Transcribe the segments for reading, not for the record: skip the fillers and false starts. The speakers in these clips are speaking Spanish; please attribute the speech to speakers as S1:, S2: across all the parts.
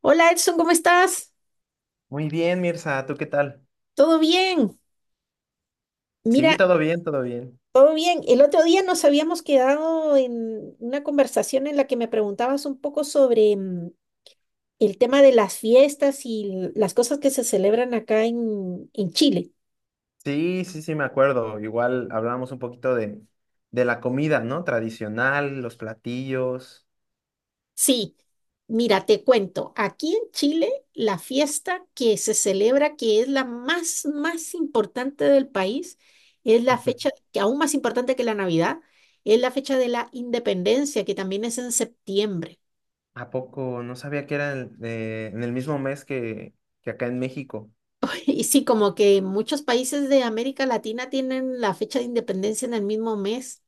S1: Hola Edson, ¿cómo estás?
S2: Muy bien, Mirza, ¿tú qué tal?
S1: ¿Todo bien?
S2: Sí,
S1: Mira,
S2: todo bien, todo bien.
S1: todo bien. El otro día nos habíamos quedado en una conversación en la que me preguntabas un poco sobre el tema de las fiestas y las cosas que se celebran acá en Chile.
S2: Sí, sí, sí, me acuerdo. Igual hablábamos un poquito de la comida, ¿no? Tradicional, los platillos.
S1: Sí, mira, te cuento. Aquí en Chile, la fiesta que se celebra, que es la más, más importante del país, es la
S2: Ujú.
S1: fecha, que aún más importante que la Navidad, es la fecha de la independencia, que también es en septiembre.
S2: ¿A poco? No sabía que era en el mismo mes que acá en México.
S1: Y sí, como que muchos países de América Latina tienen la fecha de independencia en el mismo mes.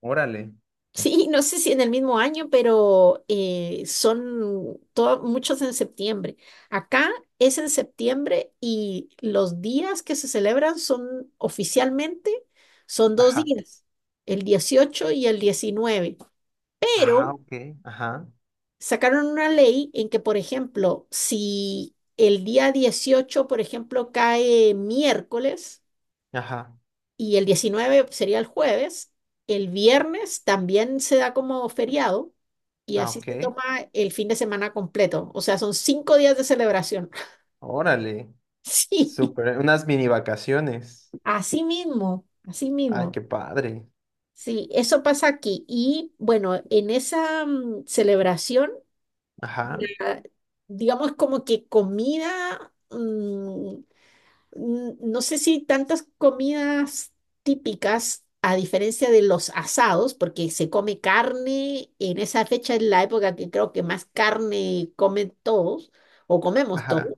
S2: Órale.
S1: Sí, no sé si en el mismo año, pero son muchos en septiembre. Acá es en septiembre y los días que se celebran son oficialmente, son dos
S2: Ajá.
S1: días, el 18 y el 19.
S2: Ah,
S1: Pero
S2: ok. Ajá.
S1: sacaron una ley en que, por ejemplo, si el día 18, por ejemplo, cae miércoles,
S2: Ajá.
S1: y el 19 sería el jueves. El viernes también se da como feriado y
S2: Ah,
S1: así se
S2: ok.
S1: toma el fin de semana completo. O sea, son 5 días de celebración.
S2: Órale.
S1: Sí,
S2: Súper. Unas mini vacaciones.
S1: así mismo, así
S2: Ay,
S1: mismo.
S2: qué padre.
S1: Sí, eso pasa aquí. Y bueno, en esa celebración,
S2: Ajá.
S1: ah, digamos como que comida, no sé si tantas comidas típicas, a diferencia de los asados, porque se come carne en esa fecha, es la época que creo que más carne comen todos o comemos
S2: Ajá.
S1: todos,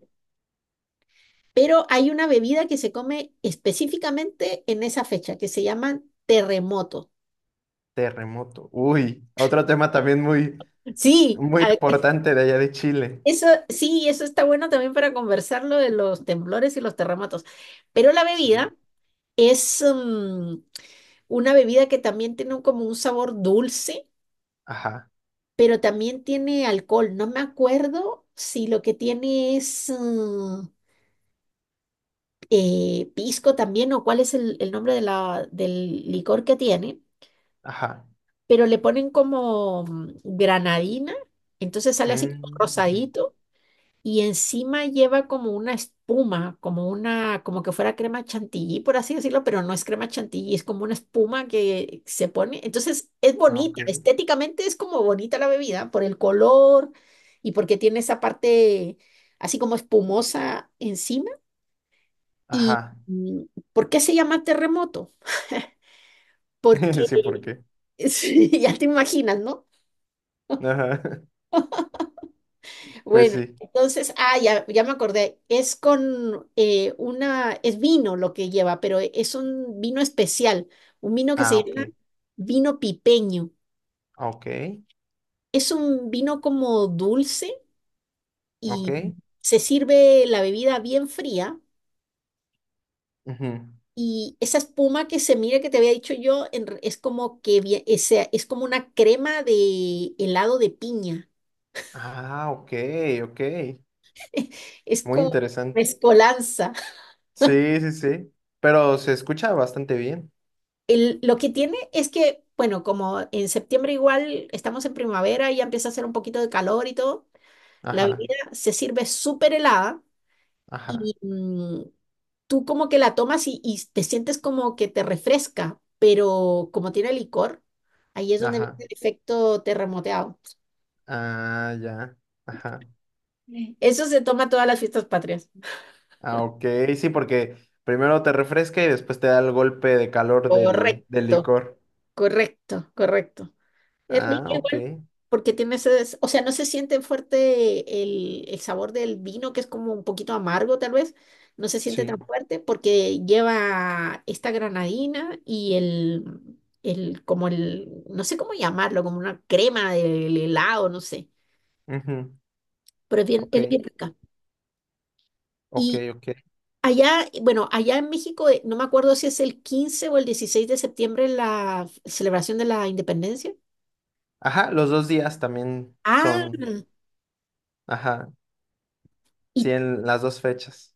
S1: pero hay una bebida que se come específicamente en esa fecha que se llaman terremotos.
S2: Terremoto. Uy, otro tema también muy...
S1: Sí,
S2: Muy importante de allá de Chile.
S1: eso sí, eso está bueno también para conversarlo de los temblores y los terremotos, pero la
S2: Sí.
S1: bebida es una bebida que también tiene como un sabor dulce,
S2: Ajá,
S1: pero también tiene alcohol. No me acuerdo si lo que tiene es pisco también o cuál es el nombre de la, del licor que tiene,
S2: ajá.
S1: pero le ponen como granadina, entonces sale así como
S2: Mm, ujú.
S1: rosadito y encima lleva como una espuma, como que fuera crema chantilly, por así decirlo, pero no es crema chantilly, es como una espuma que se pone. Entonces es
S2: Ah, ok.
S1: bonita, estéticamente es como bonita la bebida por el color y porque tiene esa parte así como espumosa encima. ¿Y
S2: Ajá.
S1: por qué se llama terremoto? Porque
S2: Sí, ¿por qué?
S1: sí, ya te imaginas, ¿no?
S2: Ajá. Pues
S1: Bueno,
S2: sí.
S1: entonces, ya me acordé, es con es vino lo que lleva, pero es un vino especial, un vino que
S2: Ah,
S1: se llama
S2: ok.
S1: vino pipeño.
S2: Ok.
S1: Es un vino como dulce y
S2: Ok.
S1: se sirve la bebida bien fría
S2: Ujú.
S1: y esa espuma que se mira que te había dicho yo es es como una crema de helado de piña,
S2: Ah, ok, ok.
S1: es
S2: Muy
S1: como
S2: interesante.
S1: mezcolanza.
S2: Sí, sí, sí. Pero se escucha bastante bien.
S1: Lo que tiene es que, bueno, como en septiembre igual estamos en primavera y ya empieza a hacer un poquito de calor y todo, la
S2: Ajá,
S1: bebida se sirve súper helada
S2: ajá,
S1: y tú como que la tomas y te sientes como que te refresca, pero como tiene licor, ahí es donde viene
S2: ajá.
S1: el efecto terremoteado.
S2: Ah, ya. Ajá.
S1: Eso se toma todas las fiestas patrias.
S2: Ah, ok. Sí, porque primero te refresca y después te da el golpe de calor del
S1: Correcto,
S2: licor.
S1: correcto, correcto. Es rico
S2: Ah, ok,
S1: igual porque tiene o sea, no se siente fuerte el sabor del vino, que es como un poquito amargo tal vez, no se siente tan
S2: sí.
S1: fuerte porque lleva esta granadina y el como el, no sé cómo llamarlo, como una crema del helado, no sé,
S2: Ujú.
S1: pero es bien, es
S2: Ok,
S1: bien rica.
S2: ok,
S1: Y
S2: ok.
S1: allá, bueno, allá en México, no me acuerdo si es el 15 o el 16 de septiembre la celebración de la independencia.
S2: Ajá, los dos días también
S1: Ah,
S2: son, ajá, sí,
S1: ¿y
S2: en las dos fechas.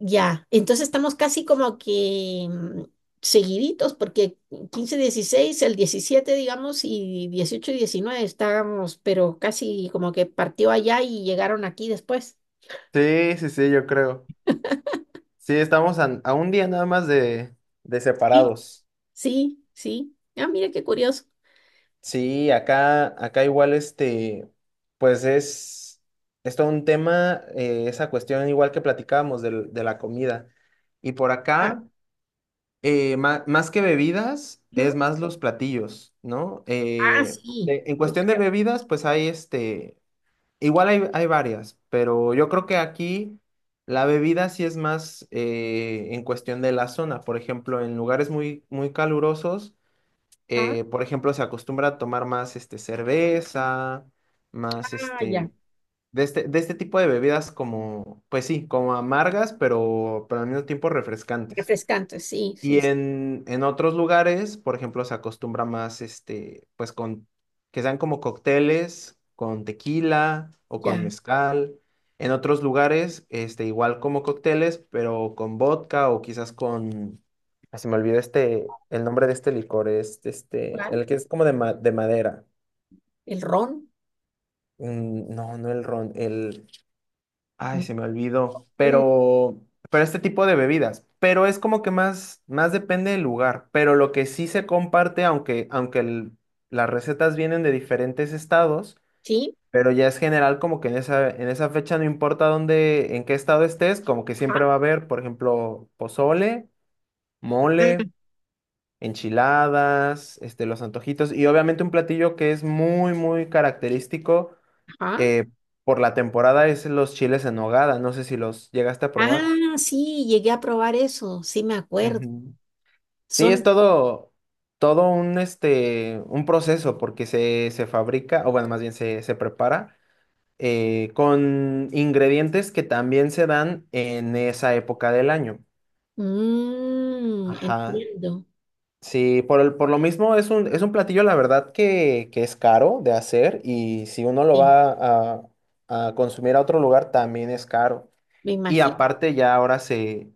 S1: ya, entonces estamos casi como que seguiditos, porque 15, 16, el 17, digamos, y 18 y 19 estábamos, pero casi como que partió allá y llegaron aquí después.
S2: Sí, sí, sí, yo creo. Sí, estamos a un día nada más de
S1: Sí,
S2: separados.
S1: sí, sí. Ah, mira qué curioso.
S2: Sí, acá igual este, pues es, es todo un tema, esa cuestión igual que platicábamos de la comida. Y por
S1: Ah,
S2: acá. Eh, más que bebidas,
S1: ujú.
S2: es más los platillos, ¿no?
S1: Ah, sí,
S2: En
S1: yo
S2: cuestión de
S1: creo.
S2: bebidas, pues hay este, igual hay, hay varias, pero yo creo que aquí la bebida sí es más, en cuestión de la zona. Por ejemplo, en lugares muy, muy calurosos,
S1: Ah,
S2: por ejemplo, se acostumbra a tomar más este, cerveza, más
S1: ah, ya.
S2: este, de este tipo de bebidas como, pues sí, como amargas, pero al mismo tiempo refrescantes.
S1: Refrescante, sí,
S2: Y
S1: sí, sí.
S2: en otros lugares, por ejemplo, se acostumbra más, este, pues con, que sean como cócteles con tequila o con
S1: Ya.
S2: mezcal. En otros lugares, este, igual como cócteles, pero con vodka o quizás con, ah, se me olvidó este, el nombre de este licor, es este,
S1: ¿Cuál?
S2: el que es como de, de madera.
S1: El ron.
S2: Mm, no, no el ron, el, ay,
S1: Mm.
S2: se me olvidó.
S1: Pues,
S2: Pero este tipo de bebidas. Pero es como que más, más depende del lugar. Pero lo que sí se comparte, aunque, aunque las recetas vienen de diferentes estados,
S1: sí.
S2: pero ya es general como que en esa fecha no importa dónde, en qué estado estés, como que
S1: Ajá,
S2: siempre va a haber, por ejemplo, pozole, mole,
S1: ajá.
S2: enchiladas, este, los antojitos y obviamente un platillo que es muy, muy característico,
S1: Ajá.
S2: eh, por la temporada es los chiles en nogada. No sé si los llegaste a probar.
S1: Ah, sí, llegué a probar eso, sí me acuerdo.
S2: Ujú. Sí, es
S1: Son
S2: todo, todo un, este, un proceso se fabrica, o bueno, más bien se prepara, con ingredientes que también se dan en esa época del año.
S1: Mm,
S2: Ajá.
S1: entiendo.
S2: Sí, por, por lo mismo es un platillo, la verdad, que es caro de hacer y si uno lo
S1: Sí.
S2: va a consumir a otro lugar, también es caro.
S1: Me
S2: Y
S1: imagino.
S2: aparte ya ahora se,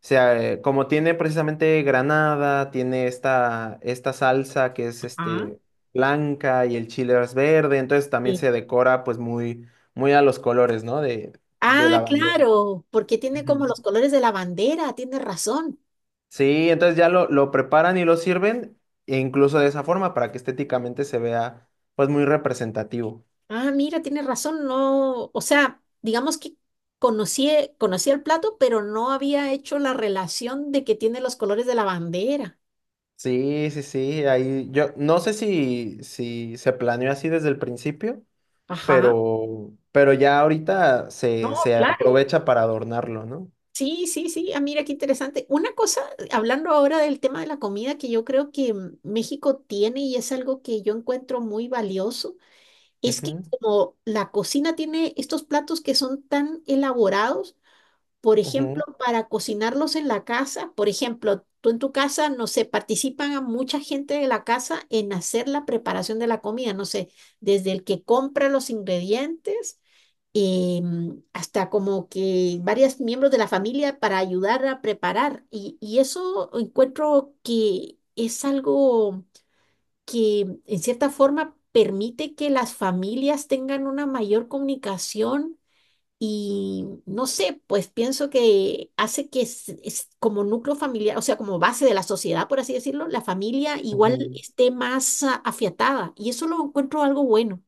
S2: se, eh, como tiene precisamente granada, tiene esta, esta salsa que es
S1: Ajá.
S2: este, blanca y el chile es verde, entonces también
S1: Sí.
S2: se decora pues muy, muy a los colores, ¿no? De
S1: Ah,
S2: la bandera.
S1: claro, porque tiene como
S2: Ujú.
S1: los colores de la bandera, tiene razón.
S2: Sí, entonces ya lo preparan y lo sirven, e incluso de esa forma, para que estéticamente se vea pues muy representativo.
S1: Ah, mira, tiene razón, no, o sea, digamos que conocí, conocí el plato, pero no había hecho la relación de que tiene los colores de la bandera.
S2: Sí, sí, sí, ahí yo no sé si se planeó así desde el principio,
S1: Ajá.
S2: pero ya ahorita
S1: No,
S2: se
S1: claro.
S2: aprovecha para adornarlo, no.
S1: Sí, sí, sí. Ah, mira, qué interesante. Una cosa, hablando ahora del tema de la comida, que yo creo que México tiene y es algo que yo encuentro muy valioso. Es que
S2: Ujú,
S1: como la cocina tiene estos platos que son tan elaborados, por ejemplo,
S2: ujú,
S1: para cocinarlos en la casa, por ejemplo, tú en tu casa, no sé, participan a mucha gente de la casa en hacer la preparación de la comida, no sé, desde el que compra los ingredientes hasta como que varios miembros de la familia para ayudar a preparar. Y eso encuentro que es algo que en cierta forma permite que las familias tengan una mayor comunicación y no sé, pues pienso que hace que es como núcleo familiar, o sea, como base de la sociedad, por así decirlo, la familia igual
S2: ujú.
S1: esté más afiatada y eso lo encuentro algo bueno.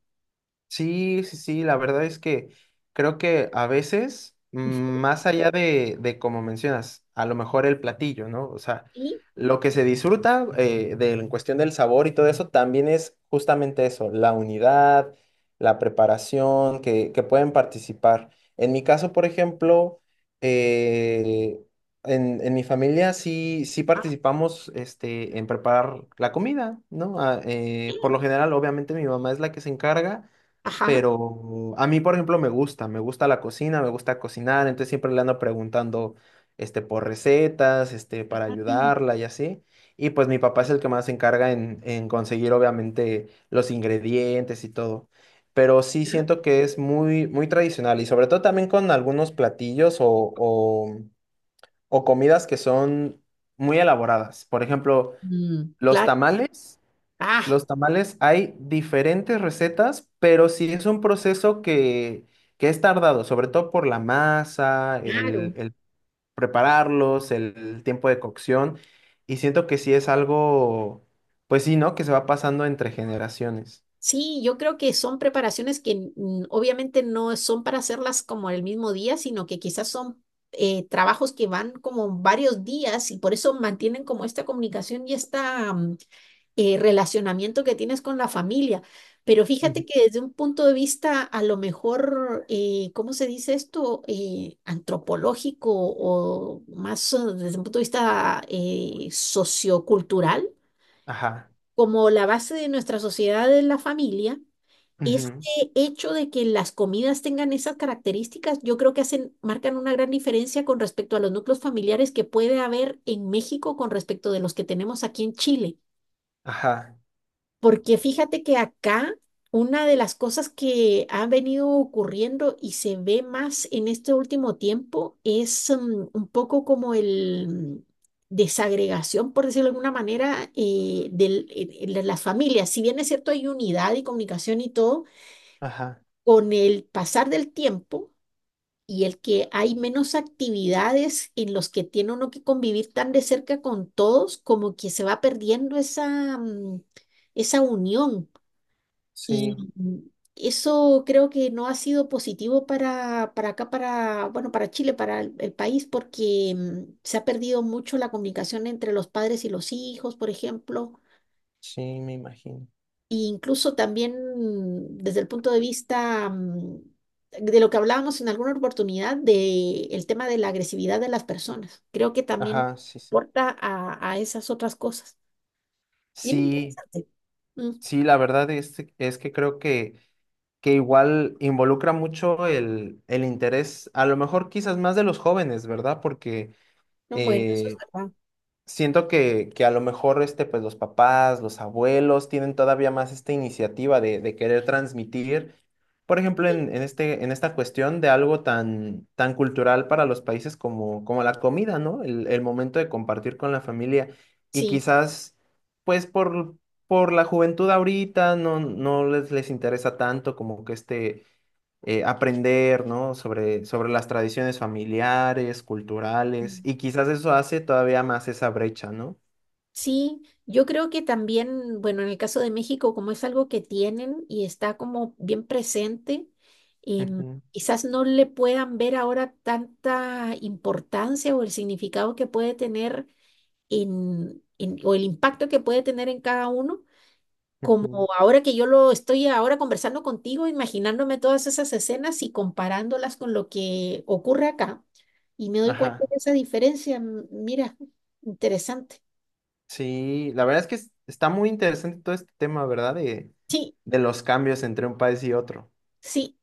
S2: Sí, sí, sí, la verdad es que creo que a veces, mm, más allá de como mencionas, a lo mejor el platillo, ¿no? O sea,
S1: Sí.
S2: lo que se disfruta, en cuestión del sabor y todo eso también es justamente eso, la unidad, la preparación, que pueden participar. En mi caso, por ejemplo, eh, en mi familia sí, sí
S1: Ah,
S2: participamos este, en preparar la comida, ¿no? Ah, por
S1: bien.
S2: lo general, obviamente, mi mamá es la que se encarga.
S1: Ajá.
S2: Pero a mí, por ejemplo, me gusta la cocina, me gusta cocinar, entonces siempre le ando preguntando, este, por recetas, este, para ayudarla y así. Y pues mi papá es el que más se encarga en conseguir, obviamente, los ingredientes y todo. Pero sí siento que es muy, muy tradicional y sobre todo también con algunos platillos o comidas que son muy elaboradas. Por ejemplo,
S1: Mm.
S2: los
S1: Claro.
S2: tamales.
S1: Ah,
S2: Los tamales hay diferentes recetas, pero sí es un proceso que es tardado, sobre todo por la masa,
S1: claro.
S2: el prepararlos, el tiempo de cocción, y siento que sí es algo, pues sí, ¿no? Que se va pasando entre generaciones.
S1: Sí, yo creo que son preparaciones que obviamente no son para hacerlas como el mismo día, sino que quizás son trabajos que van como varios días y por eso mantienen como esta comunicación y este relacionamiento que tienes con la familia. Pero
S2: Ujú.
S1: fíjate que desde un punto de vista a lo mejor, ¿cómo se dice esto? Antropológico o más desde un punto de vista sociocultural,
S2: Ajá,
S1: como la base de nuestra sociedad es la familia.
S2: ujú,
S1: Este hecho de que las comidas tengan esas características, yo creo que hacen, marcan una gran diferencia con respecto a los núcleos familiares que puede haber en México con respecto de los que tenemos aquí en Chile.
S2: ajá,
S1: Porque fíjate que acá una de las cosas que ha venido ocurriendo y se ve más en este último tiempo es un poco como el mm, desagregación, por decirlo de alguna manera, de las familias. Si bien es cierto, hay unidad y comunicación y todo
S2: ajá,
S1: con el pasar del tiempo y el que hay menos actividades en los que tiene uno que convivir tan de cerca con todos, como que se va perdiendo esa unión.
S2: sí,
S1: Y eso creo que no ha sido positivo para acá, bueno, para Chile, para el país, porque se ha perdido mucho la comunicación entre los padres y los hijos, por ejemplo.
S2: sí, me imagino.
S1: Y incluso también desde el punto de vista de lo que hablábamos en alguna oportunidad, de el tema de la agresividad de las personas. Creo que también
S2: Ajá, sí, sí.
S1: aporta a esas otras cosas. Bien
S2: Sí,
S1: interesante. Mm.
S2: sí, la verdad es que creo que igual involucra mucho el interés, a lo mejor quizás más de los jóvenes, ¿verdad? Porque
S1: No, bueno, eso es
S2: eh,
S1: verdad.
S2: siento que a lo mejor este, pues, los papás, los abuelos tienen todavía más esta iniciativa de querer transmitir, por ejemplo, en esta cuestión de algo tan, tan cultural para los países como, como la comida, ¿no? El momento de compartir con la familia y
S1: Sí.
S2: quizás, pues, por... Por la juventud ahorita no, les interesa tanto como que este, aprender, ¿no? Sobre las tradiciones familiares, culturales,
S1: Mm.
S2: y quizás eso hace todavía más esa brecha, ¿no?
S1: Sí, yo creo que también, bueno, en el caso de México, como es algo que tienen y está como bien presente, em,
S2: Ujú,
S1: quizás no le puedan ver ahora tanta importancia o el significado que puede tener o el impacto que puede tener en cada uno, como
S2: ujú.
S1: ahora que yo lo estoy ahora conversando contigo, imaginándome todas esas escenas y comparándolas con lo que ocurre acá, y me doy cuenta
S2: Ajá.
S1: de esa diferencia, mira, interesante.
S2: Sí, la verdad es que está muy interesante todo este tema, ¿verdad?
S1: Sí,
S2: De los cambios entre un país y otro.
S1: sí,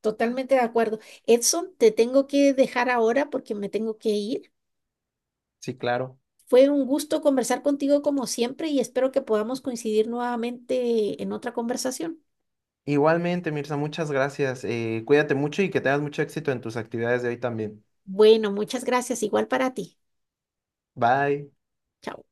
S1: totalmente de acuerdo. Edson, te tengo que dejar ahora porque me tengo que ir.
S2: Sí, claro.
S1: Fue un gusto conversar contigo como siempre y espero que podamos coincidir nuevamente en otra conversación.
S2: Igualmente, Mirza, muchas gracias. Cuídate mucho y que tengas mucho éxito en tus actividades de hoy también.
S1: Bueno, muchas gracias, igual para ti.
S2: Bye.
S1: Chao.